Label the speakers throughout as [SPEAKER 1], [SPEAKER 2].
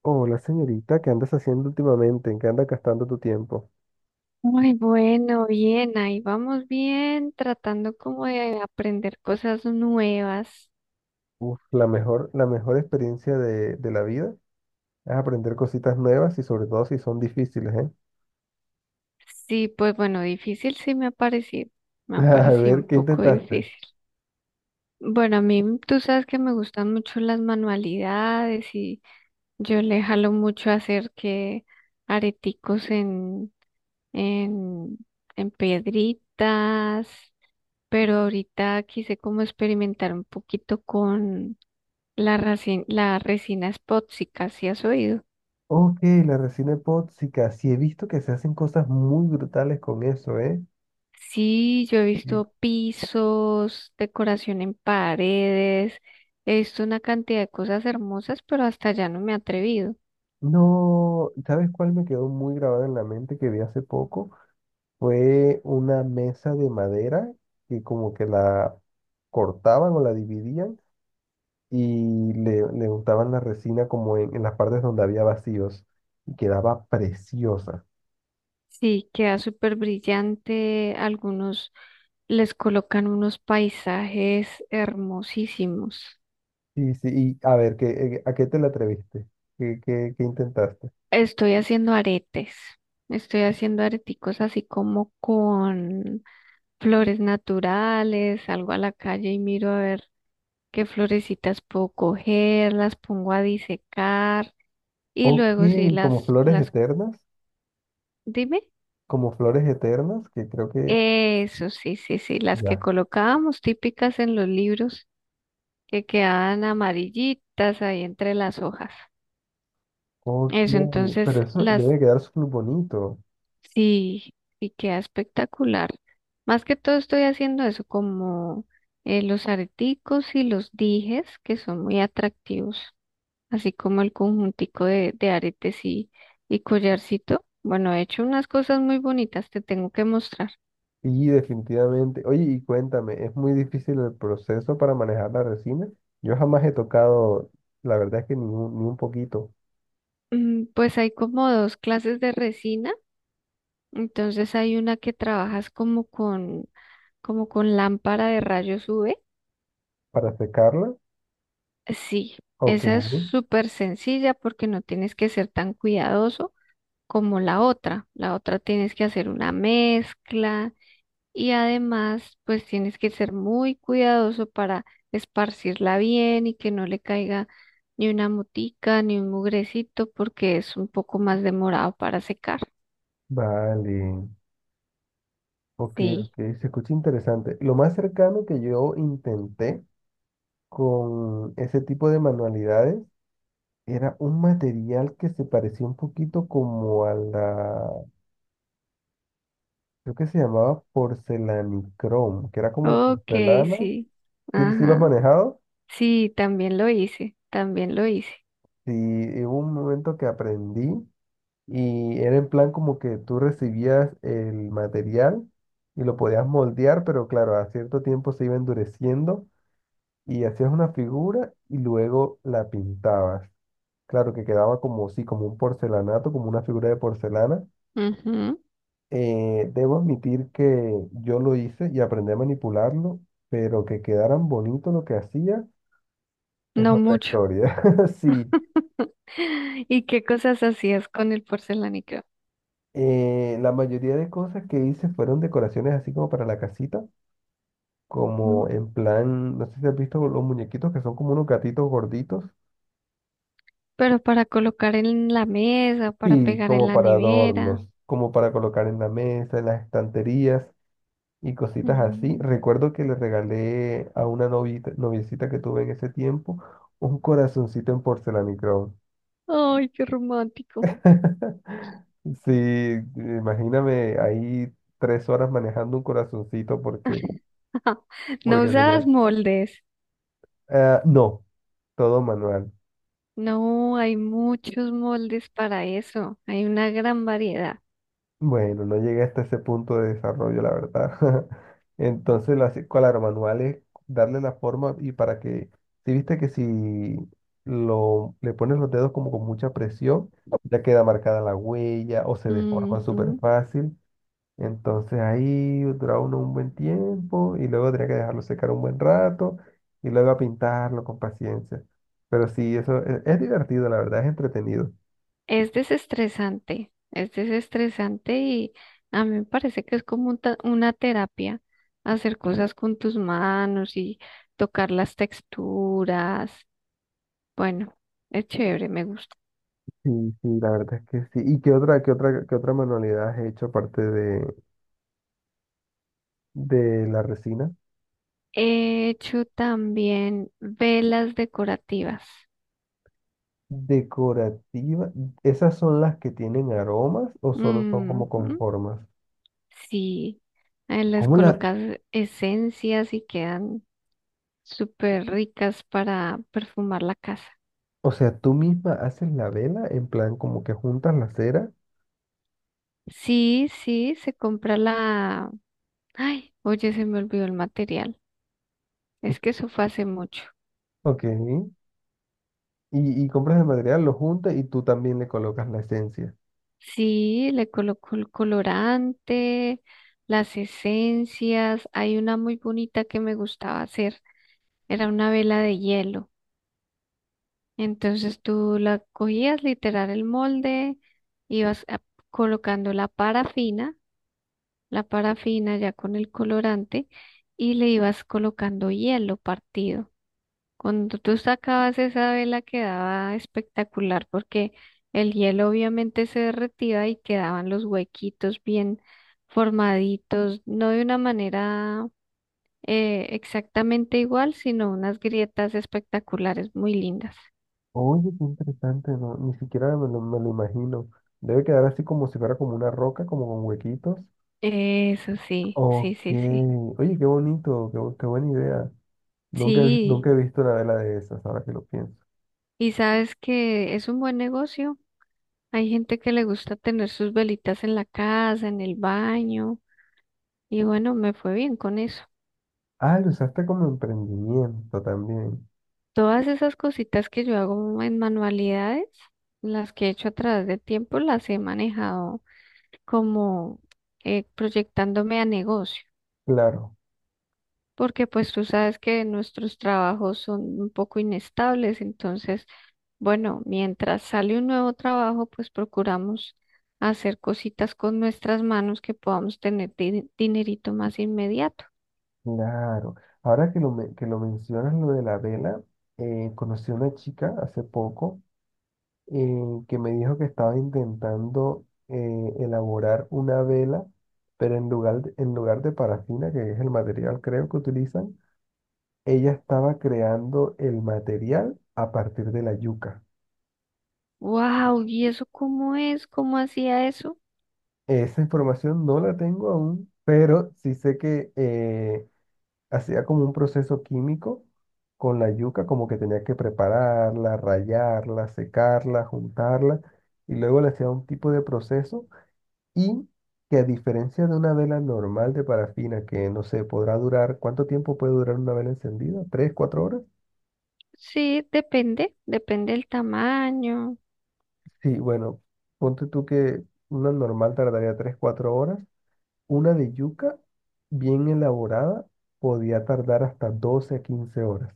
[SPEAKER 1] Hola señorita, ¿qué andas haciendo últimamente? ¿En qué andas gastando tu tiempo?
[SPEAKER 2] Muy bueno, bien, ahí vamos bien, tratando como de aprender cosas nuevas.
[SPEAKER 1] Uf, la mejor experiencia de la vida es aprender cositas nuevas y sobre todo si son difíciles, ¿eh?
[SPEAKER 2] Sí, pues bueno, difícil sí me ha
[SPEAKER 1] A
[SPEAKER 2] parecido un
[SPEAKER 1] ver, ¿qué
[SPEAKER 2] poco
[SPEAKER 1] intentaste?
[SPEAKER 2] difícil. Bueno, a mí tú sabes que me gustan mucho las manualidades y yo le jalo mucho a hacer que areticos en, en piedritas, pero ahorita quise como experimentar un poquito con la resina es tóxica, ¿sí has oído?
[SPEAKER 1] Ok, la resina epóxica. Sí he visto que se hacen cosas muy brutales con eso, ¿eh?
[SPEAKER 2] Sí, yo he
[SPEAKER 1] Sí.
[SPEAKER 2] visto pisos, decoración en paredes, he visto una cantidad de cosas hermosas, pero hasta allá no me he atrevido.
[SPEAKER 1] No, ¿sabes cuál me quedó muy grabado en la mente que vi hace poco? Fue una mesa de madera que como que la cortaban o la dividían y le untaban la resina como en las partes donde había vacíos y quedaba preciosa.
[SPEAKER 2] Sí, queda súper brillante, algunos les colocan unos paisajes hermosísimos.
[SPEAKER 1] Sí, sí, y a ver, ¿qué, a qué te la atreviste? ¿Qué intentaste?
[SPEAKER 2] Estoy haciendo aretes, estoy haciendo areticos así como con flores naturales, salgo a la calle y miro a ver qué florecitas puedo coger, las pongo a disecar y
[SPEAKER 1] Ok,
[SPEAKER 2] luego sí
[SPEAKER 1] como flores eternas,
[SPEAKER 2] dime.
[SPEAKER 1] como flores eternas, que creo que
[SPEAKER 2] Eso sí, sí, sí, las que
[SPEAKER 1] ya.
[SPEAKER 2] colocábamos típicas en los libros que quedaban amarillitas ahí entre las hojas.
[SPEAKER 1] Ok,
[SPEAKER 2] Eso,
[SPEAKER 1] pero
[SPEAKER 2] entonces
[SPEAKER 1] eso
[SPEAKER 2] las,
[SPEAKER 1] debe quedar súper bonito.
[SPEAKER 2] sí, y queda espectacular. Más que todo estoy haciendo eso como los areticos y los dijes que son muy atractivos, así como el conjuntico de aretes y collarcito. Bueno, he hecho unas cosas muy bonitas, te tengo que mostrar.
[SPEAKER 1] Y definitivamente, oye, y cuéntame, ¿es muy difícil el proceso para manejar la resina? Yo jamás he tocado, la verdad es que ni un poquito,
[SPEAKER 2] Mm. Pues hay como dos clases de resina, entonces hay una que trabajas como con lámpara de rayos UV.
[SPEAKER 1] para secarla.
[SPEAKER 2] Sí,
[SPEAKER 1] Ok,
[SPEAKER 2] esa es súper sencilla porque no tienes que ser tan cuidadoso como la otra. La otra tienes que hacer una mezcla, y además, pues tienes que ser muy cuidadoso para esparcirla bien y que no le caiga ni una motica ni un mugrecito porque es un poco más demorado para secar.
[SPEAKER 1] vale, ok,
[SPEAKER 2] Sí.
[SPEAKER 1] ok, se escucha interesante. Lo más cercano que yo intenté con ese tipo de manualidades era un material que se parecía un poquito como a la, creo que se llamaba porcelanicrón, que era como
[SPEAKER 2] Ok,
[SPEAKER 1] porcelana.
[SPEAKER 2] sí.
[SPEAKER 1] Sí, sí lo has
[SPEAKER 2] Ajá.
[SPEAKER 1] manejado.
[SPEAKER 2] Sí, también lo hice, también lo hice.
[SPEAKER 1] Sí, y hubo un momento que aprendí y era en plan como que tú recibías el material y lo podías moldear, pero claro, a cierto tiempo se iba endureciendo. Y hacías una figura y luego la pintabas. Claro que quedaba como, sí, como un porcelanato, como una figura de porcelana.
[SPEAKER 2] Ujú.
[SPEAKER 1] Debo admitir que yo lo hice y aprendí a manipularlo, pero que quedaran bonito lo que hacía es
[SPEAKER 2] No
[SPEAKER 1] otra
[SPEAKER 2] mucho.
[SPEAKER 1] historia. Sí,
[SPEAKER 2] ¿Y qué cosas hacías con el porcelánico?
[SPEAKER 1] la mayoría de cosas que hice fueron decoraciones así como para la casita,
[SPEAKER 2] Ujú.
[SPEAKER 1] como en plan, no sé si has visto los muñequitos que son como unos gatitos gorditos.
[SPEAKER 2] Pero para colocar en la mesa, para
[SPEAKER 1] Sí,
[SPEAKER 2] pegar en
[SPEAKER 1] como
[SPEAKER 2] la
[SPEAKER 1] para
[SPEAKER 2] nevera.
[SPEAKER 1] adornos, como para colocar en la mesa, en las estanterías y cositas así.
[SPEAKER 2] Ujú.
[SPEAKER 1] Recuerdo que le regalé a una noviecita que tuve en ese tiempo un corazoncito en porcelanicrón.
[SPEAKER 2] Ay, qué romántico.
[SPEAKER 1] Sí, imagíname ahí 3 horas manejando un corazoncito
[SPEAKER 2] No
[SPEAKER 1] porque
[SPEAKER 2] usabas
[SPEAKER 1] tenía...
[SPEAKER 2] moldes.
[SPEAKER 1] Ah, no, todo manual.
[SPEAKER 2] No, hay muchos moldes para eso. Hay una gran variedad.
[SPEAKER 1] Bueno, no llegué hasta ese punto de desarrollo, la verdad. Entonces, claro, manual es darle la forma y para que, si viste que si le pones los dedos como con mucha presión, ya queda marcada la huella o se deforma súper
[SPEAKER 2] Ujú.
[SPEAKER 1] fácil. Entonces ahí dura uno un buen tiempo y luego tendría que dejarlo secar un buen rato y luego a pintarlo con paciencia. Pero sí, es divertido, la verdad, es entretenido.
[SPEAKER 2] Es desestresante. Es desestresante y a mí me parece que es como una terapia hacer cosas con tus manos y tocar las texturas. Bueno, es chévere, me gusta.
[SPEAKER 1] Sí, sí, la verdad es que sí. ¿Y qué otra manualidad has hecho aparte de la resina?
[SPEAKER 2] He hecho también velas decorativas.
[SPEAKER 1] Decorativa. ¿Esas son las que tienen aromas o solo son
[SPEAKER 2] Ujú.
[SPEAKER 1] como con formas?
[SPEAKER 2] Sí, les
[SPEAKER 1] ¿Cómo la,
[SPEAKER 2] colocas esencias y quedan súper ricas para perfumar la casa.
[SPEAKER 1] o sea, tú misma haces la vela en plan como que juntas la cera?
[SPEAKER 2] Sí, sí, se compra la... Ay, oye, se me olvidó el material. Es que eso fue hace mucho.
[SPEAKER 1] Ok. Y compras el material, lo juntas y tú también le colocas la esencia.
[SPEAKER 2] Sí, le colocó el colorante, las esencias. Hay una muy bonita que me gustaba hacer. Era una vela de hielo. Entonces tú la cogías literal el molde, ibas a- colocando la parafina, la parafina ya con el colorante, y le ibas colocando hielo partido. Cuando tú sacabas esa vela quedaba espectacular porque el hielo obviamente se derretía y quedaban los huequitos bien formaditos, no de una manera exactamente igual, sino unas grietas espectaculares, muy lindas.
[SPEAKER 1] Oye, qué interesante, ¿no? Ni siquiera me lo imagino. Debe quedar así como si fuera como una roca, como con huequitos.
[SPEAKER 2] Eso sí, sí,
[SPEAKER 1] Ok,
[SPEAKER 2] sí, sí.
[SPEAKER 1] oye, qué bonito, qué buena idea.
[SPEAKER 2] Sí,
[SPEAKER 1] Nunca he visto una vela de esas, ahora que lo pienso.
[SPEAKER 2] y sabes que es un buen negocio. Hay gente que le gusta tener sus velitas en la casa, en el baño, y bueno, me fue bien con eso.
[SPEAKER 1] Ah, lo usaste como emprendimiento también.
[SPEAKER 2] Todas esas cositas que yo hago en manualidades, las que he hecho a través del tiempo, las he manejado como proyectándome a negocio,
[SPEAKER 1] Claro,
[SPEAKER 2] porque pues tú sabes que nuestros trabajos son un poco inestables, entonces, bueno, mientras sale un nuevo trabajo, pues procuramos hacer cositas con nuestras manos que podamos tener dinerito más inmediato.
[SPEAKER 1] claro. Ahora que que lo mencionas, lo de la vela, conocí a una chica hace poco que me dijo que estaba intentando elaborar una vela, pero en lugar de parafina, que es el material creo que utilizan, ella estaba creando el material a partir de la yuca.
[SPEAKER 2] Wow, ¿y eso cómo es? ¿Cómo hacía eso?
[SPEAKER 1] Esa información no la tengo aún, pero sí sé que hacía como un proceso químico con la yuca, como que tenía que prepararla, rallarla, secarla, juntarla, y luego le hacía un tipo de proceso y que a diferencia de una vela normal de parafina, que no sé, podrá durar, ¿cuánto tiempo puede durar una vela encendida? ¿Tres, cuatro horas?
[SPEAKER 2] Sí, depende, depende del tamaño.
[SPEAKER 1] Sí, bueno, ponte tú que una normal tardaría 3, 4 horas. Una de yuca bien elaborada podía tardar hasta 12 a 15 horas.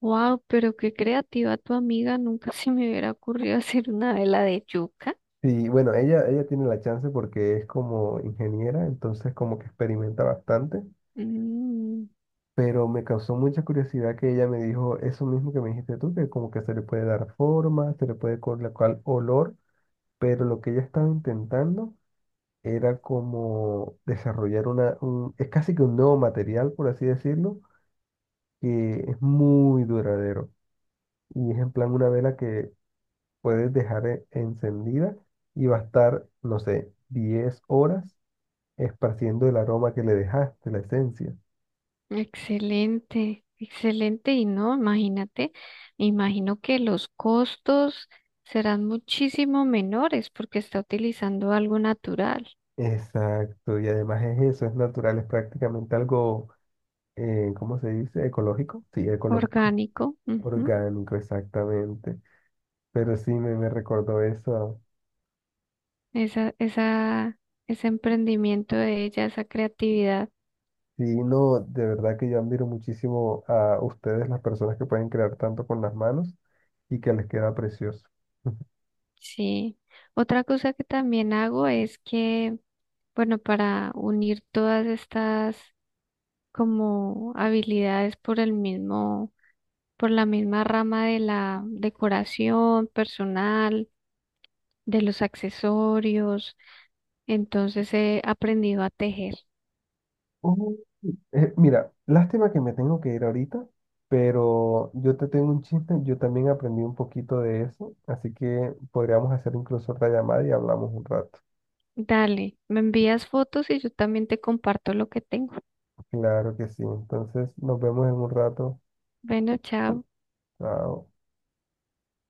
[SPEAKER 2] Wow, pero qué creativa tu amiga, nunca se me hubiera ocurrido hacer una vela de yuca.
[SPEAKER 1] Sí, bueno, ella tiene la chance porque es como ingeniera, entonces como que experimenta bastante,
[SPEAKER 2] Mm,
[SPEAKER 1] pero me causó mucha curiosidad que ella me dijo eso mismo que me dijiste tú, que como que se le puede dar forma, se le puede colocar olor, pero lo que ella estaba intentando era como desarrollar es casi que un nuevo material, por así decirlo, que es muy duradero. Y es en plan una vela que puedes dejar encendida y va a estar, no sé, 10 horas esparciendo el aroma que le dejaste, la esencia.
[SPEAKER 2] excelente, excelente. Y no, imagínate, me imagino que los costos serán muchísimo menores porque está utilizando algo natural,
[SPEAKER 1] Exacto, y además es eso, es natural, es prácticamente algo, ¿cómo se dice? ¿Ecológico? Sí, ecológico,
[SPEAKER 2] orgánico. Ujú.
[SPEAKER 1] orgánico, exactamente. Pero sí, me recordó eso.
[SPEAKER 2] esa, esa, Ese emprendimiento de ella, esa creatividad.
[SPEAKER 1] Sí, no, de verdad que yo admiro muchísimo a ustedes, las personas que pueden crear tanto con las manos y que les queda precioso.
[SPEAKER 2] Sí. Otra cosa que también hago es que, bueno, para unir todas estas como habilidades por la misma rama de la decoración personal, de los accesorios, entonces he aprendido a tejer.
[SPEAKER 1] Oh, mira, lástima que me tengo que ir ahorita, pero yo te tengo un chiste, yo también aprendí un poquito de eso, así que podríamos hacer incluso otra llamada y hablamos un rato.
[SPEAKER 2] Dale, me envías fotos y yo también te comparto lo que tengo.
[SPEAKER 1] Claro que sí, entonces nos vemos en un rato.
[SPEAKER 2] Bueno, chao.
[SPEAKER 1] Chao.